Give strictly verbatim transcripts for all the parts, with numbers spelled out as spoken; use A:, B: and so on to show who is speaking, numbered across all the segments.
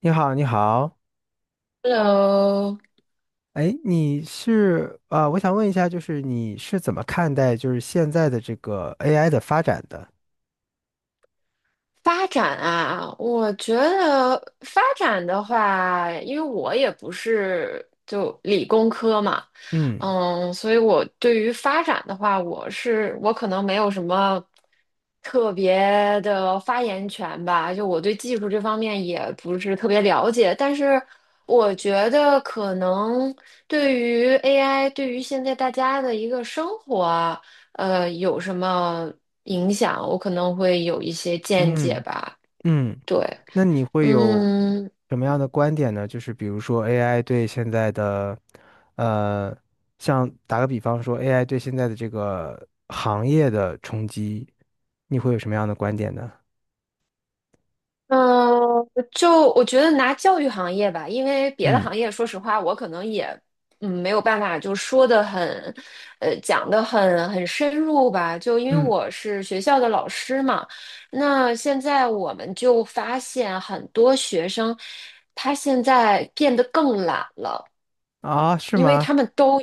A: 你好，你好，
B: Hello,
A: 哎，你是啊、呃我想问一下，就是你是怎么看待就是现在的这个 A I 的发展的？
B: 发展啊，我觉得发展的话，因为我也不是就理工科嘛。
A: 嗯
B: 嗯，所以我对于发展的话，我是我可能没有什么特别的发言权吧，就我对技术这方面也不是特别了解，但是我觉得可能对于 A I,对于现在大家的一个生活啊，呃，有什么影响，我可能会有一些见解
A: 嗯
B: 吧。
A: 嗯，
B: 对。
A: 那你会有
B: 嗯
A: 什么样的观点呢？就是比如说 A I 对现在的，呃，像打个比方说 A I 对现在的这个行业的冲击，你会有什么样的观点呢？
B: 嗯。呃就我觉得拿教育行业吧，因为别的
A: 嗯
B: 行业，说实话，我可能也嗯没有办法就说的很，呃，讲的很很深入吧。就因为
A: 嗯，
B: 我是学校的老师嘛，那现在我们就发现很多学生，他现在变得更懒了。
A: 啊，是
B: 因为
A: 吗？
B: 他们都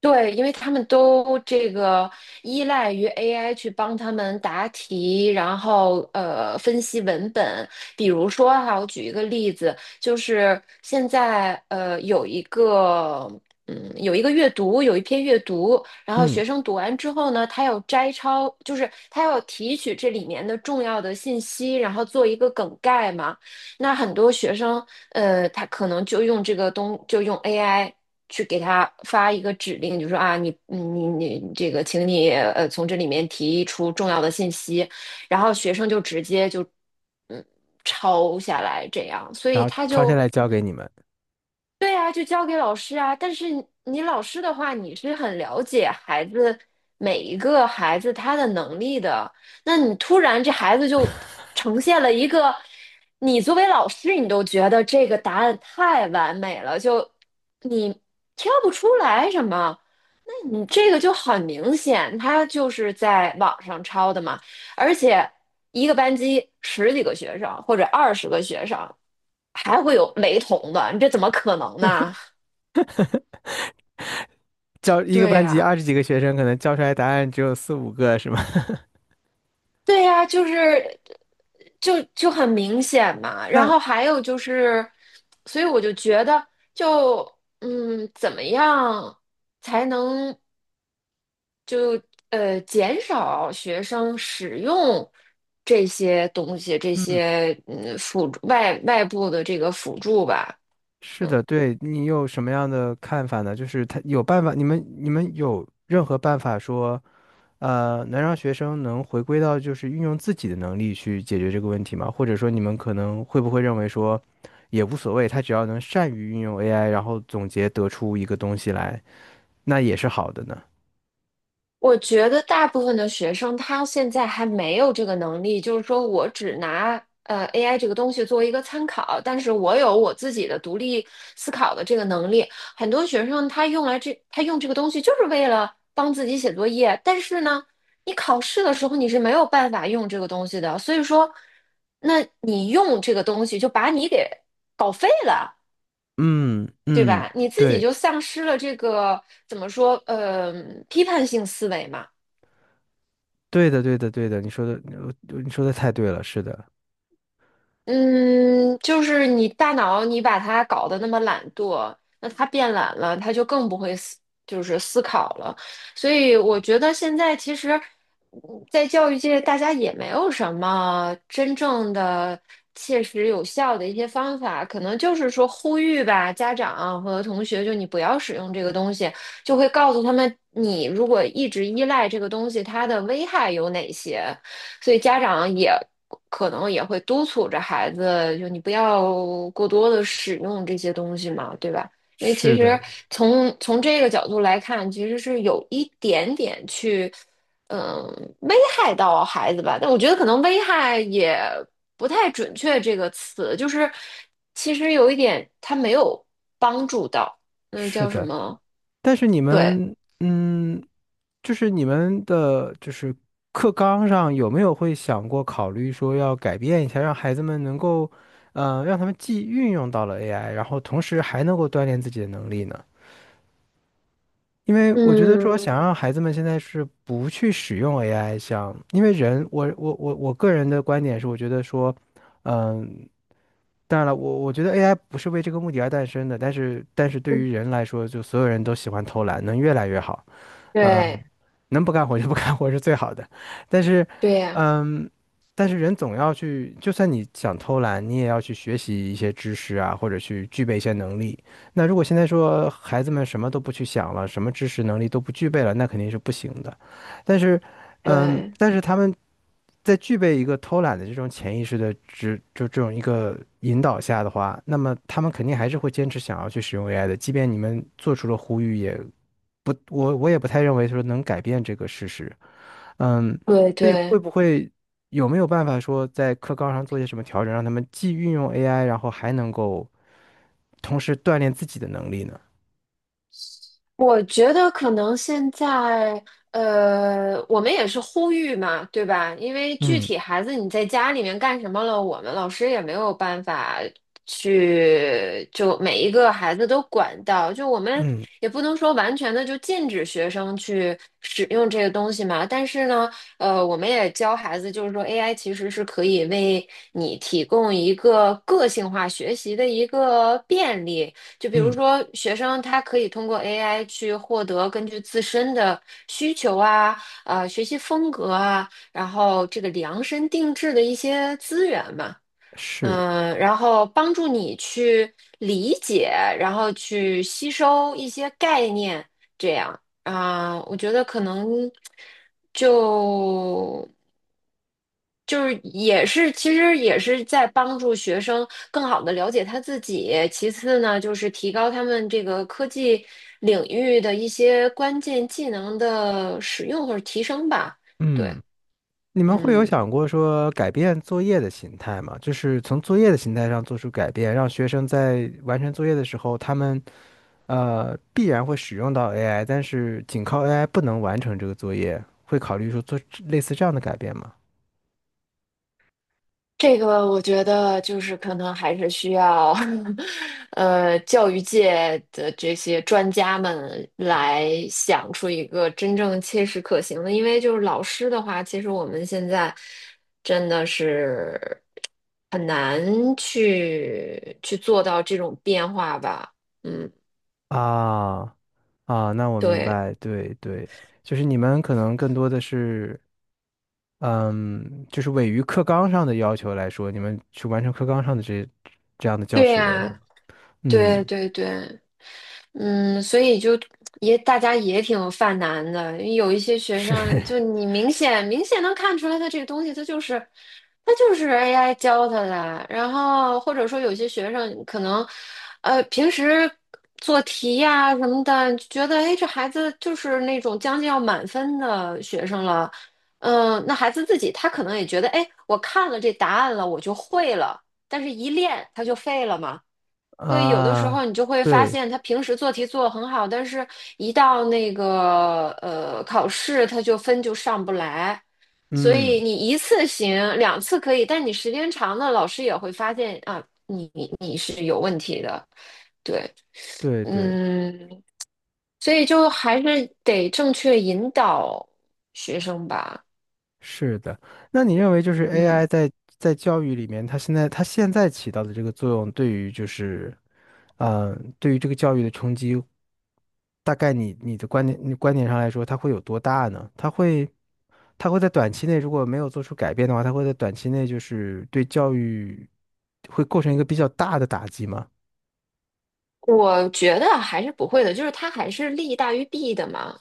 B: 对，因为他们都这个依赖于 A I 去帮他们答题，然后呃分析文本。比如说哈，我举一个例子，就是现在呃有一个嗯有一个阅读，有一篇阅读，然后
A: 嗯，
B: 学生读完之后呢，他要摘抄，就是他要提取这里面的重要的信息，然后做一个梗概嘛。那很多学生呃，他可能就用这个东，就用 A I 去给他发一个指令，就说啊，你你你你这个，请你呃从这里面提出重要的信息，然后学生就直接就嗯抄下来这样，所
A: 然
B: 以
A: 后
B: 他
A: 抄下
B: 就
A: 来交给你们。
B: 对啊，就交给老师啊。但是你你老师的话，你是很了解孩子每一个孩子他的能力的。那你突然这孩子就呈现了一个，你作为老师你都觉得这个答案太完美了，就你挑不出来什么。你这个就很明显，他就是在网上抄的嘛，而且一个班级十几个学生或者二十个学生，还会有雷同的，你这怎么可能呢？
A: 教一个
B: 对
A: 班级
B: 呀，
A: 二十几个学生，可能教出来答案只有四五个，是吗？
B: 对呀，就是就就很明显嘛。然
A: 那
B: 后还有就是，所以我就觉得就，嗯，怎么样才能？就呃减少学生使用这些东西，这
A: 嗯，
B: 些嗯辅助外外部的这个辅助吧。
A: 是
B: 嗯。
A: 的，对你有什么样的看法呢？就是他有办法，你们你们有任何办法说，呃，能让学生能回归到就是运用自己的能力去解决这个问题吗？或者说你们可能会不会认为说，也无所谓，他只要能善于运用 A I，然后总结得出一个东西来，那也是好的呢？
B: 我觉得大部分的学生他现在还没有这个能力，就是说我只拿呃 A I 这个东西作为一个参考，但是我有我自己的独立思考的这个能力。很多学生他用来这，他用这个东西就是为了帮自己写作业，但是呢，你考试的时候你是没有办法用这个东西的，所以说，那你用这个东西就把你给搞废了。
A: 嗯
B: 对
A: 嗯，
B: 吧？你自己
A: 对
B: 就丧失了这个怎么说，呃，批判性思维嘛。
A: 对的对的对的，你说的呃你说的太对了，是的。
B: 嗯，就是你大脑你把它搞得那么懒惰，那它变懒了，它就更不会思，就是思考了。所以我觉得现在其实，嗯在教育界大家也没有什么真正的切实有效的一些方法，可能就是说呼吁吧，家长和同学，就你不要使用这个东西，就会告诉他们，你如果一直依赖这个东西，它的危害有哪些。所以家长也可能也会督促着孩子，就你不要过多的使用这些东西嘛，对吧？因为其
A: 是的，
B: 实从从这个角度来看，其实是有一点点去，嗯，危害到孩子吧。但我觉得可能危害也不太准确这个词，就是其实有一点他没有帮助到，那
A: 是
B: 叫什
A: 的，
B: 么？
A: 但是你
B: 对。
A: 们，嗯，就是你们的，就是课纲上有没有会想过考虑说要改变一下，让孩子们能够，呃，让他们既运用到了 A I，然后同时还能够锻炼自己的能力呢？因为我觉得说
B: 嗯。
A: 想让孩子们现在是不去使用 A I，像因为人，我我我我个人的观点是，我觉得说，嗯、当然了，我我觉得 A I 不是为这个目的而诞生的，但是但是对于人来说，就所有人都喜欢偷懒，能越来越好。嗯，
B: 对。
A: 能不干活就不干活是最好的。但是，
B: 对呀。
A: 嗯，但是人总要去，就算你想偷懒，你也要去学习一些知识啊，或者去具备一些能力。那如果现在说孩子们什么都不去想了，什么知识能力都不具备了，那肯定是不行的。但是，嗯，
B: 对。
A: 但是他们在具备一个偷懒的这种潜意识的这就这种一个引导下的话，那么他们肯定还是会坚持想要去使用 A I 的，即便你们做出了呼吁也，我我也不太认为说能改变这个事实。嗯，
B: 对
A: 所以会
B: 对。
A: 不会有没有办法说在课纲上做些什么调整，让他们既运用 A I，然后还能够同时锻炼自己的能力呢？
B: 我觉得可能现在，呃，我们也是呼吁嘛，对吧？因为具
A: 嗯
B: 体孩子你在家里面干什么了，我们老师也没有办法去就每一个孩子都管到，就我们
A: 嗯
B: 也不能说完全的就禁止学生去使用这个东西嘛。但是呢，呃，我们也教孩子，就是说 A I 其实是可以为你提供一个个性化学习的一个便利。就比如
A: 嗯，
B: 说，学生他可以通过 A I 去获得根据自身的需求啊、呃学习风格啊，然后这个量身定制的一些资源嘛，
A: 是，
B: 嗯、然后帮助你去理解，然后去吸收一些概念，这样啊、我觉得可能就就是也是，其实也是在帮助学生更好的了解他自己。其次呢，就是提高他们这个科技领域的一些关键技能的使用或者提升吧。对。
A: 嗯。你们会有
B: 嗯，
A: 想过说改变作业的形态吗？就是从作业的形态上做出改变，让学生在完成作业的时候，他们呃必然会使用到 A I，但是仅靠 A I 不能完成这个作业，会考虑说做类似这样的改变吗？
B: 这个我觉得就是可能还是需要 呃，教育界的这些专家们来想出一个真正切实可行的，因为就是老师的话，其实我们现在真的是很难去去做到这种变化吧。嗯。
A: 啊啊，那我明
B: 对。
A: 白，对对，就是你们可能更多的是，嗯，就是位于课纲上的要求来说，你们去完成课纲上的这这样的教
B: 对
A: 学，是吗？
B: 呀。对
A: 嗯，
B: 对对。嗯，所以就也大家也挺犯难的，有一些学生
A: 是
B: 就你明显明显能看出来，他这个东西他就是他就是 A I 教他的，然后或者说有些学生可能呃平时做题呀、什么的，觉得哎这孩子就是那种将近要满分的学生了，嗯，那孩子自己他可能也觉得哎我看了这答案了我就会了，但是一练他就废了嘛。对，有的时候
A: 啊，
B: 你就会发
A: 对。
B: 现，他平时做题做得很好，但是一到那个呃考试，他就分就上不来。所
A: 嗯，
B: 以你一次行，两次可以，但你时间长了，老师也会发现啊。对。
A: 对对，
B: 嗯，所以就还是得正确引导学生吧。
A: 是的。那你认为就是 A I
B: 嗯，
A: 在在教育里面，它现在它现在起到的这个作用，对于就是呃，对于这个教育的冲击，大概你你的观点你观点上来说，它会有多大呢？它会它会在短期内如果没有做出改变的话，它会在短期内就是对教育会构成一个比较大的打击吗？
B: 我觉得还是不会的，就是他还是利大于弊的嘛。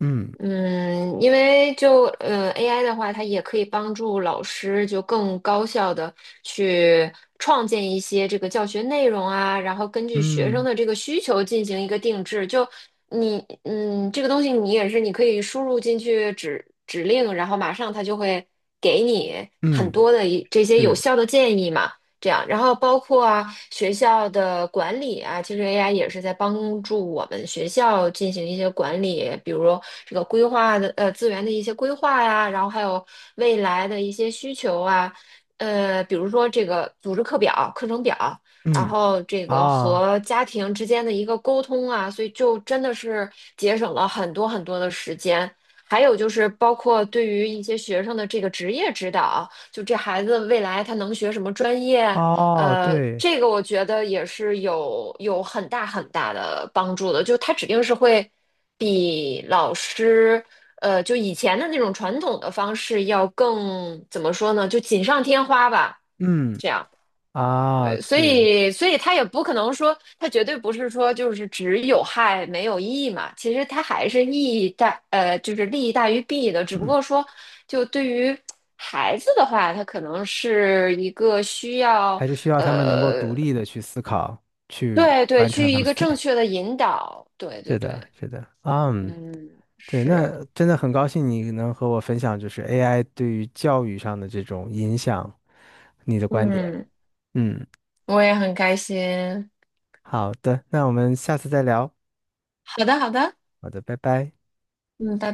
A: 嗯
B: 嗯，因为就呃 A I 的话，它也可以帮助老师就更高效的去创建一些这个教学内容啊，然后根据学生
A: 嗯
B: 的这个需求进行一个定制。就你嗯，这个东西你也是你可以输入进去指指令，然后马上它就会给你很
A: 嗯，
B: 多的一这些有
A: 是
B: 效的建议嘛。这样，然后包括啊学校的管理啊，其实 A I 也是在帮助我们学校进行一些管理，比如这个规划的呃资源的一些规划呀、然后还有未来的一些需求啊，呃，比如说这个组织课表、课程表，然
A: 嗯
B: 后这个
A: 啊
B: 和家庭之间的一个沟通啊，所以就真的是节省了很多很多的时间。还有就是包括对于一些学生的这个职业指导。就这孩子未来他能学什么专业，
A: 哦
B: 呃，
A: 对，
B: 这个我觉得也是有有很大很大的帮助的，就他指定是会比老师，呃，就以前的那种传统的方式要更，怎么说呢，就锦上添花吧。
A: 嗯。啊，
B: 对，所
A: 对，
B: 以，所以他也不可能说，他绝对不是说就是只有害没有益嘛。其实他还是益大，呃，就是利益大于弊的。只不
A: 嗯，
B: 过说，就对于孩子的话，他可能是一个需要，
A: 还是需要他们能够独立的去思考，去
B: 对对，
A: 完成
B: 去
A: 他
B: 一
A: 们。
B: 个正 确的引导。对对
A: 是
B: 对。
A: 的，是的，嗯，
B: 嗯。
A: 对，
B: 是。
A: 那真的很高兴你能和我分享，就是 A I 对于教育上的这种影响，你的观点。
B: 嗯，
A: 嗯，
B: 我也很开心。
A: 好的，那我们下次再聊。
B: 好的，好的。
A: 好的，拜拜。
B: 嗯，拜拜。